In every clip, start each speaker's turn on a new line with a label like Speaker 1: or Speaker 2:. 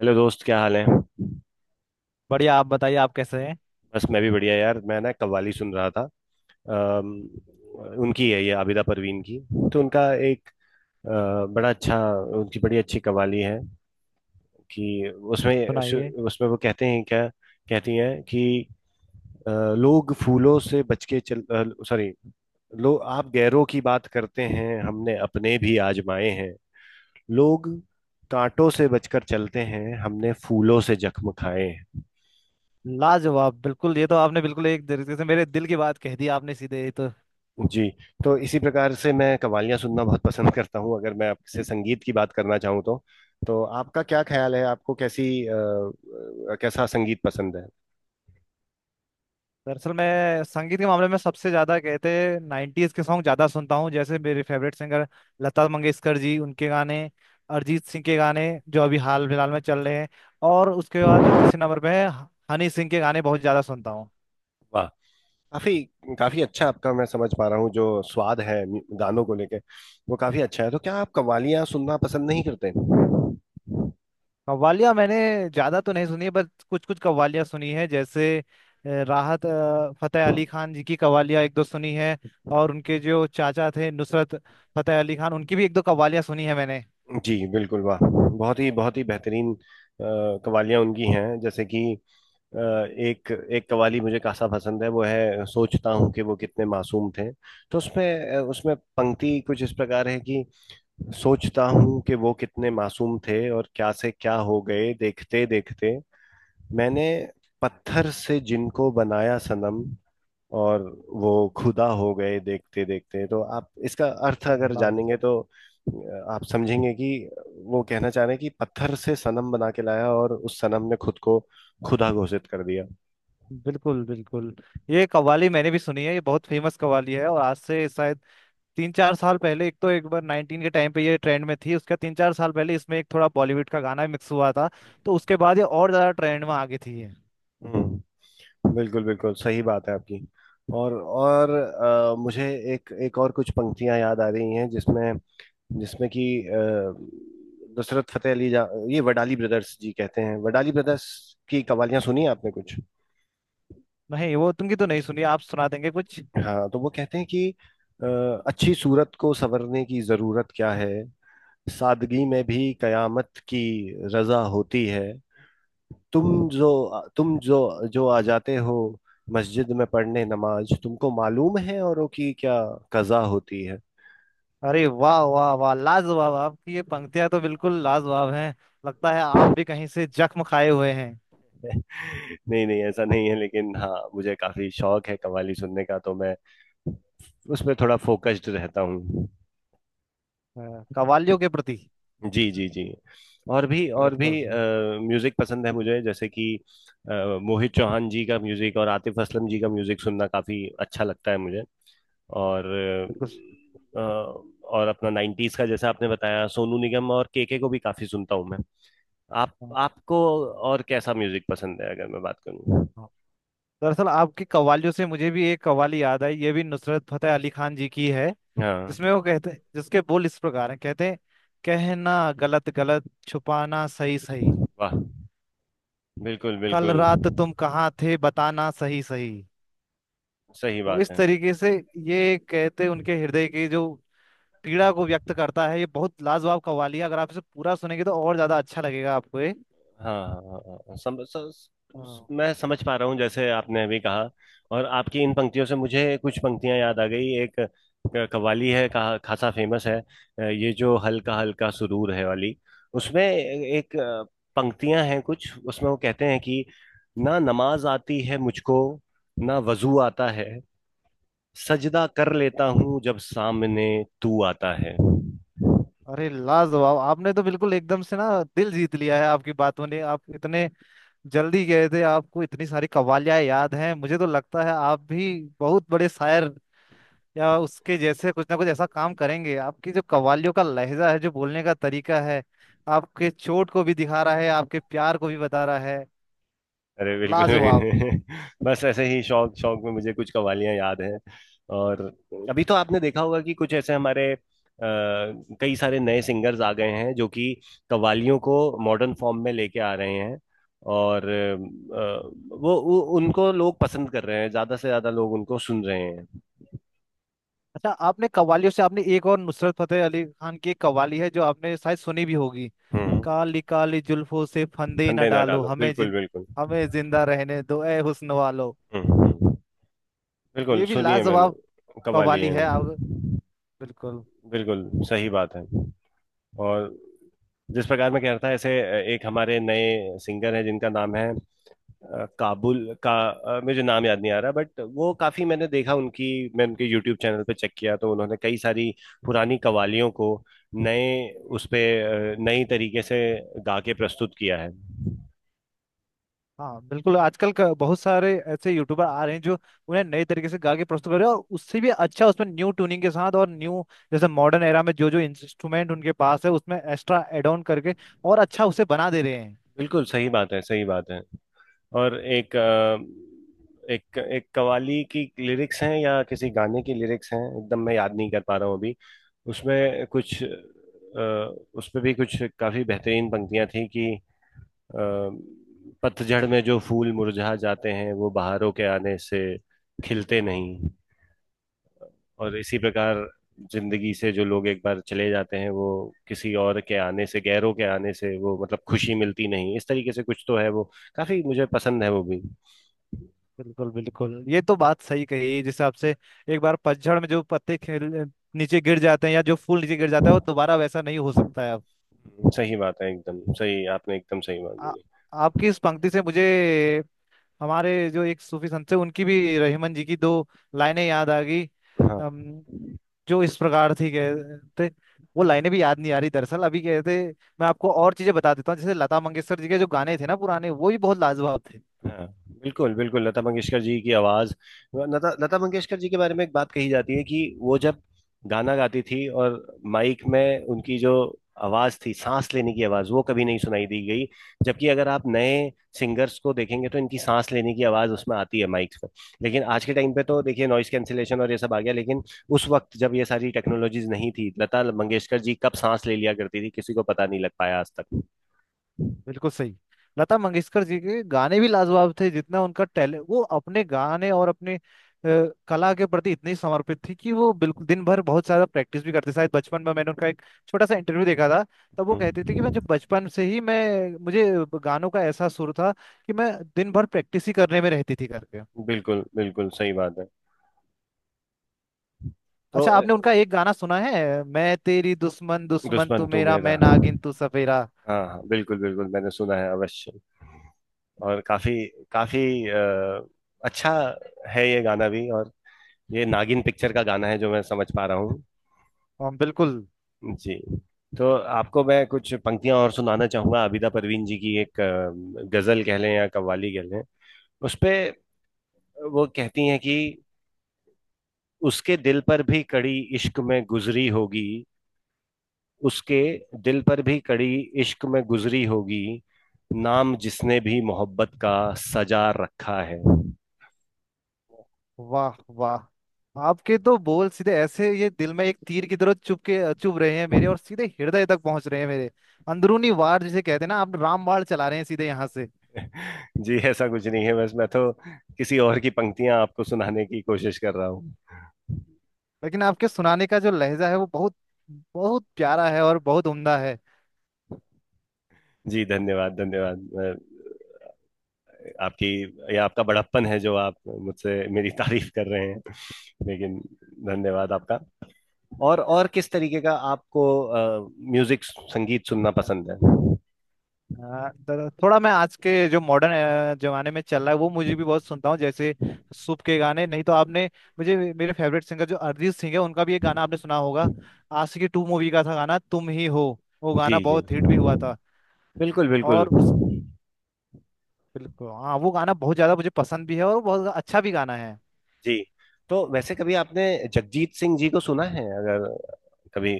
Speaker 1: Hello दोस्त, क्या हाल है।
Speaker 2: बढ़िया। आप बताइए, आप कैसे हैं?
Speaker 1: बस, मैं भी बढ़िया यार। मैं ना कव्वाली सुन रहा था। अम्म, उनकी है, ये आबिदा परवीन की। तो उनका एक बड़ा अच्छा। उनकी बड़ी अच्छी कव्वाली है कि उसमें
Speaker 2: सुनाइए।
Speaker 1: उसमें वो कहते हैं क्या। कहती हैं कि अ, लोग फूलों से बच के चल। सॉरी। लोग, आप गैरों की बात करते हैं, हमने अपने भी आजमाए हैं। लोग कांटों से बचकर चलते हैं, हमने फूलों से जख्म खाए हैं।
Speaker 2: लाजवाब! बिल्कुल, ये तो आपने बिल्कुल एक तरीके से मेरे दिल की बात कह दी आपने, सीधे ये तो।
Speaker 1: जी। तो इसी प्रकार से मैं कवालियां सुनना बहुत पसंद करता हूँ। अगर मैं आपसे संगीत की बात करना चाहूँ तो। तो आपका क्या ख्याल है, आपको कैसा संगीत पसंद है।
Speaker 2: दरअसल मैं संगीत के मामले में सबसे ज्यादा, कहते हैं, नाइन्टीज के सॉन्ग ज्यादा सुनता हूँ। जैसे मेरे फेवरेट सिंगर लता मंगेशकर जी, उनके गाने। अरिजीत सिंह के गाने जो अभी हाल फिलहाल में चल रहे हैं। और उसके बाद जो तीसरे नंबर पे है, हनी सिंह के गाने बहुत ज्यादा सुनता हूँ।
Speaker 1: वाह। काफी काफी अच्छा। आपका मैं समझ पा रहा हूँ जो स्वाद है गानों को लेके, वो काफी अच्छा है। तो क्या आप कवालियां सुनना पसंद नहीं करते।
Speaker 2: कव्वालियाँ मैंने ज़्यादा तो नहीं सुनी है, बस कुछ कुछ कव्वालियाँ सुनी है। जैसे राहत फतेह अली खान जी की कव्वालियाँ एक दो सुनी है। और उनके जो चाचा थे, नुसरत फतेह अली खान, उनकी भी एक दो कव्वालियाँ सुनी है मैंने।
Speaker 1: जी बिल्कुल। वाह, बहुत ही बेहतरीन कवालियां उनकी हैं। जैसे कि एक एक कवाली मुझे खासा पसंद है, वो है "सोचता हूँ कि वो कितने मासूम थे"। तो उसमें पंक्ति कुछ इस प्रकार है कि "सोचता हूँ कि वो कितने मासूम थे और क्या से क्या हो गए देखते देखते, मैंने पत्थर से जिनको बनाया सनम, और वो खुदा हो गए देखते देखते"। तो आप इसका अर्थ अगर
Speaker 2: अल्लाह!
Speaker 1: जानेंगे तो आप समझेंगे कि वो कहना चाह रहे हैं कि पत्थर से सनम बना के लाया, और उस सनम ने खुद को खुदा घोषित कर दिया।
Speaker 2: बिल्कुल बिल्कुल। ये कव्वाली मैंने भी सुनी है। ये बहुत फेमस कव्वाली है। और आज से शायद तीन चार साल पहले, एक तो एक बार नाइनटीन के टाइम पे ये ट्रेंड में थी, उसका तीन चार साल पहले इसमें एक थोड़ा बॉलीवुड का गाना मिक्स हुआ था। तो उसके बाद ये और ज़्यादा ट्रेंड में आ गई थी ये।
Speaker 1: हम्म। बिल्कुल बिल्कुल सही बात है आपकी। और मुझे एक एक और कुछ पंक्तियां याद आ रही हैं जिसमें, जिसमें कि अ, नुसरत फतेह अली जा ये वडाली ब्रदर्स जी कहते हैं। वडाली ब्रदर्स की कवालियां सुनी हैं आपने कुछ।
Speaker 2: नहीं, वो तुमकी तो नहीं सुनी। आप सुना देंगे कुछ?
Speaker 1: हाँ, तो वो कहते हैं कि अ, "अच्छी सूरत को संवरने की जरूरत क्या है, सादगी में भी कयामत की रजा होती है। तुम जो तुम जो जो आ जाते हो मस्जिद में पढ़ने नमाज, तुमको मालूम है औरों की क्या कजा होती है"।
Speaker 2: अरे वाह वाह वाह, लाजवाब! आपकी ये पंक्तियां तो बिल्कुल लाजवाब हैं। लगता है आप भी कहीं से जख्म खाए हुए हैं।
Speaker 1: नहीं नहीं, ऐसा नहीं है, लेकिन हाँ, मुझे काफी शौक है कव्वाली सुनने का, तो मैं उस पर थोड़ा फोकस्ड रहता हूँ।
Speaker 2: कव्वालियों के प्रति।
Speaker 1: जी, जी, जी। और भी, और भी
Speaker 2: बिल्कुल सही,
Speaker 1: म्यूजिक पसंद है मुझे। जैसे कि अ, मोहित चौहान जी का म्यूजिक और आतिफ असलम जी का म्यूजिक सुनना काफी अच्छा लगता है मुझे। और
Speaker 2: बिल्कुल सही।
Speaker 1: अ, और अपना 90s का, जैसा आपने बताया, सोनू निगम और केके को भी काफी सुनता हूँ मैं। आप
Speaker 2: हाँ,
Speaker 1: आपको और कैसा म्यूजिक पसंद है अगर मैं बात करूँ।
Speaker 2: हाँ। दरअसल आपकी कव्वालियों से मुझे भी एक कव्वाली याद आई। ये भी नुसरत फतेह अली खान जी की है,
Speaker 1: हाँ।
Speaker 2: जिसमें वो कहते हैं, जिसके बोल इस प्रकार हैं, कहते हैं, कहना गलत गलत, छुपाना सही सही।
Speaker 1: वाह, बिल्कुल
Speaker 2: कल
Speaker 1: बिल्कुल
Speaker 2: रात तुम कहाँ थे, बताना सही सही।
Speaker 1: सही
Speaker 2: वो
Speaker 1: बात
Speaker 2: इस
Speaker 1: है।
Speaker 2: तरीके से ये कहते, उनके हृदय की जो पीड़ा को व्यक्त करता है, ये बहुत लाजवाब कव्वाली है। अगर आप इसे पूरा सुनेंगे तो और ज्यादा अच्छा लगेगा आपको ये।
Speaker 1: हाँ हाँ, हाँ, हाँ,
Speaker 2: हाँ।
Speaker 1: मैं समझ पा रहा हूँ जैसे आपने अभी कहा। और आपकी इन पंक्तियों से मुझे कुछ पंक्तियां याद आ गई। एक कव्वाली है का, खासा फेमस है, ये जो "हल्का हल्का सुरूर है" वाली। उसमें एक पंक्तियां हैं कुछ। उसमें वो कहते हैं कि "ना नमाज आती है मुझको, ना वजू आता है, सजदा कर लेता हूँ जब सामने तू आता है"।
Speaker 2: अरे लाजवाब! आपने तो बिल्कुल एकदम से ना दिल जीत लिया है, आपकी बातों ने। आप इतने जल्दी गए थे, आपको इतनी सारी कव्वालियां याद हैं। मुझे तो लगता है आप भी बहुत बड़े शायर या उसके जैसे कुछ ना कुछ ऐसा काम करेंगे। आपकी जो कव्वालियों का लहजा है, जो बोलने का तरीका है, आपके चोट को भी दिखा रहा है, आपके प्यार को भी बता रहा है।
Speaker 1: अरे बिल्कुल
Speaker 2: लाजवाब।
Speaker 1: नहीं। बस ऐसे ही शौक शौक में मुझे कुछ कवालियां याद हैं। और अभी तो आपने देखा होगा कि कुछ ऐसे हमारे कई सारे नए सिंगर्स आ गए हैं जो कि कवालियों को मॉडर्न फॉर्म में लेके आ रहे हैं। और वो उनको लोग पसंद कर रहे हैं, ज्यादा से ज्यादा लोग उनको सुन रहे हैं।
Speaker 2: अच्छा आपने कव्वालियों से, आपने एक और नुसरत फतेह अली खान की एक कव्वाली है जो आपने शायद सुनी भी होगी।
Speaker 1: हम्म।
Speaker 2: काली काली जुल्फों से फंदे न
Speaker 1: फंदे ना
Speaker 2: डालो
Speaker 1: डालो,
Speaker 2: हमें,
Speaker 1: बिल्कुल
Speaker 2: जिन
Speaker 1: बिल्कुल।
Speaker 2: हमें जिंदा रहने दो ए हुस्न वालो।
Speaker 1: हम्म हम्म, बिल्कुल।
Speaker 2: ये भी
Speaker 1: सुनिए,
Speaker 2: लाजवाब
Speaker 1: मैंने कवाली
Speaker 2: कव्वाली
Speaker 1: है।
Speaker 2: है आप। बिल्कुल।
Speaker 1: बिल्कुल सही बात है। और जिस प्रकार मैं कह रहा था, ऐसे एक हमारे नए सिंगर हैं जिनका नाम है काबुल का। मुझे नाम याद नहीं आ रहा, बट वो काफी, मैंने देखा उनकी। मैं उनके यूट्यूब चैनल पे चेक किया तो उन्होंने कई सारी पुरानी कवालियों को, नए, उस पे नई तरीके से गा के प्रस्तुत किया है।
Speaker 2: हाँ, बिल्कुल। आजकल बहुत सारे ऐसे यूट्यूबर आ रहे हैं जो उन्हें नए तरीके से गा के प्रस्तुत कर रहे हैं। और उससे भी अच्छा, उसमें न्यू ट्यूनिंग के साथ और न्यू, जैसे मॉडर्न एरा में जो जो इंस्ट्रूमेंट उनके पास है उसमें एक्स्ट्रा एड ऑन करके और अच्छा उसे बना दे रहे हैं।
Speaker 1: बिल्कुल सही बात है, सही बात है। और एक अ, एक एक कवाली की लिरिक्स हैं या किसी गाने की लिरिक्स हैं, एकदम मैं याद नहीं कर पा रहा हूँ अभी। उसमें कुछ अ, उसमें भी कुछ काफी बेहतरीन पंक्तियां थी कि "पतझड़ में जो फूल मुरझा जाते हैं वो बहारों के आने से खिलते नहीं"। और इसी प्रकार जिंदगी से जो लोग एक बार चले जाते हैं, वो किसी और के आने से, गैरों के आने से, वो, मतलब, खुशी मिलती नहीं, इस तरीके से कुछ तो है वो। काफी मुझे पसंद है वो भी।
Speaker 2: बिल्कुल बिल्कुल, ये तो बात सही कही। जिस हिसाब से एक बार पतझड़ में जो पत्ते खेल नीचे गिर जाते हैं, या जो फूल नीचे गिर जाता है, वो दोबारा वैसा नहीं हो सकता है अब।
Speaker 1: सही बात है, एकदम सही, आपने एकदम सही बात
Speaker 2: आ,
Speaker 1: बोली।
Speaker 2: आपकी इस पंक्ति से मुझे हमारे जो एक सूफी संत थे, उनकी भी, रहीमन जी की दो लाइनें याद आ गई।
Speaker 1: हाँ
Speaker 2: अम, जो इस प्रकार थी, कहते, वो लाइनें भी याद नहीं आ रही दरअसल अभी, कहते। मैं आपको और चीजें बता देता हूँ। जैसे लता मंगेशकर जी के जो गाने थे ना पुराने, वो भी बहुत लाजवाब थे।
Speaker 1: हाँ, बिल्कुल बिल्कुल। लता मंगेशकर जी की आवाज। लता लता मंगेशकर जी के बारे में एक बात कही जाती है कि वो जब गाना गाती थी, और माइक में उनकी जो आवाज थी, सांस लेने की आवाज, वो कभी नहीं सुनाई दी गई। जबकि अगर आप नए सिंगर्स को देखेंगे तो इनकी सांस लेने की आवाज उसमें आती है माइक में। लेकिन आज के टाइम पे तो देखिए नॉइस कैंसिलेशन और ये सब आ गया, लेकिन उस वक्त जब ये सारी टेक्नोलॉजीज नहीं थी, लता मंगेशकर जी कब सांस ले लिया करती थी किसी को पता नहीं लग पाया आज तक।
Speaker 2: बिल्कुल सही। लता मंगेशकर जी के गाने भी लाजवाब थे। जितना उनका टैलेंट, वो अपने गाने और अपने कला के प्रति इतनी समर्पित थी कि वो बिल्कुल दिन भर बहुत ज्यादा प्रैक्टिस भी करते। शायद बचपन में मैंने उनका एक छोटा सा इंटरव्यू देखा था, तब वो कहते थे कि मैं
Speaker 1: हम्म,
Speaker 2: जब बचपन से ही, मैं मुझे गानों का ऐसा सुर था कि मैं दिन भर प्रैक्टिस ही करने में रहती थी करके।
Speaker 1: बिल्कुल बिल्कुल सही बात है। तो
Speaker 2: अच्छा आपने उनका एक गाना सुना है, मैं तेरी दुश्मन, दुश्मन
Speaker 1: दुश्मन
Speaker 2: तू
Speaker 1: तू
Speaker 2: मेरा,
Speaker 1: मेरा।
Speaker 2: मैं नागिन तू सफेरा?
Speaker 1: हाँ हाँ, बिल्कुल बिल्कुल, मैंने सुना है अवश्य। और काफी काफी अ, अच्छा है ये गाना भी। और ये नागिन पिक्चर का गाना है, जो मैं समझ पा रहा हूँ।
Speaker 2: हाँ, बिल्कुल।
Speaker 1: जी। तो आपको मैं कुछ पंक्तियां और सुनाना चाहूंगा, आबिदा परवीन जी की एक गजल कह लें या कव्वाली कह लें, उस पे। वो कहती हैं कि "उसके दिल पर भी कड़ी इश्क में गुजरी होगी, उसके दिल पर भी कड़ी इश्क में गुजरी होगी, नाम जिसने भी मोहब्बत का सजा रखा है"।
Speaker 2: वाह वाह! आपके तो बोल सीधे ऐसे ये दिल में एक तीर की तरह चुभ के चुभ रहे हैं मेरे, और सीधे हृदय तक पहुंच रहे हैं मेरे। अंदरूनी वार जिसे कहते हैं ना, आप राम बाण चला रहे हैं सीधे यहाँ से।
Speaker 1: जी, ऐसा कुछ नहीं है, बस मैं तो किसी और की पंक्तियां आपको सुनाने की कोशिश कर रहा हूँ।
Speaker 2: लेकिन आपके सुनाने का जो लहजा है वो बहुत बहुत प्यारा है और बहुत उम्दा है।
Speaker 1: जी, धन्यवाद, धन्यवाद। आपकी या आपका बड़प्पन है जो आप मुझसे मेरी तारीफ कर रहे हैं। लेकिन, धन्यवाद आपका। और किस तरीके का आपको म्यूजिक, संगीत सुनना पसंद है।
Speaker 2: हाँ, तो थोड़ा मैं आज के जो मॉडर्न जमाने में चल रहा है वो मुझे भी बहुत सुनता हूँ। जैसे सूप के गाने, नहीं तो आपने, मुझे मेरे फेवरेट सिंगर जो अरिजीत सिंह है उनका भी एक गाना आपने सुना होगा, आशिकी टू मूवी का था गाना, तुम ही हो। वो गाना
Speaker 1: जी जी,
Speaker 2: बहुत हिट भी हुआ था।
Speaker 1: बिल्कुल बिल्कुल।
Speaker 2: और उस, बिल्कुल हाँ, वो गाना बहुत ज्यादा मुझे पसंद भी है और वो बहुत अच्छा भी गाना है।
Speaker 1: जी, तो वैसे कभी आपने जगजीत सिंह जी को सुना है, अगर कभी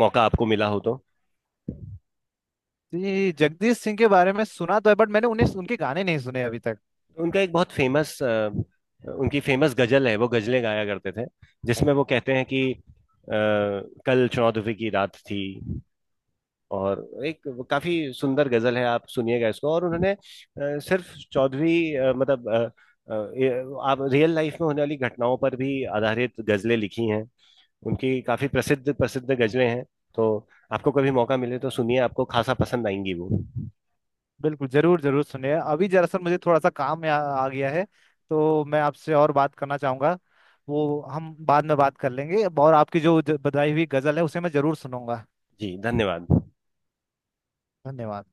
Speaker 1: मौका आपको मिला हो तो।
Speaker 2: जी, जगदीश सिंह के बारे में सुना तो है, बट मैंने उन्हें, उनके गाने नहीं सुने अभी तक।
Speaker 1: उनका एक बहुत फेमस, उनकी फेमस गजल है, वो गजलें गाया करते थे। जिसमें वो कहते हैं कि "कल चौदहवीं की रात थी", और एक काफी सुंदर गजल है, आप सुनिएगा इसको। और उन्होंने सिर्फ चौदहवीं, मतलब, अ, आप रियल लाइफ में होने वाली घटनाओं पर भी आधारित गजलें लिखी हैं उनकी, काफी प्रसिद्ध प्रसिद्ध गजलें हैं। तो आपको कभी मौका मिले तो सुनिए, आपको खासा पसंद आएंगी वो।
Speaker 2: बिल्कुल, जरूर जरूर सुने। अभी दरअसल मुझे थोड़ा सा काम आ गया है, तो मैं आपसे और बात करना चाहूंगा। वो हम बाद में बात कर लेंगे, और आपकी जो बताई हुई गजल है उसे मैं जरूर सुनूंगा।
Speaker 1: जी, धन्यवाद।
Speaker 2: धन्यवाद।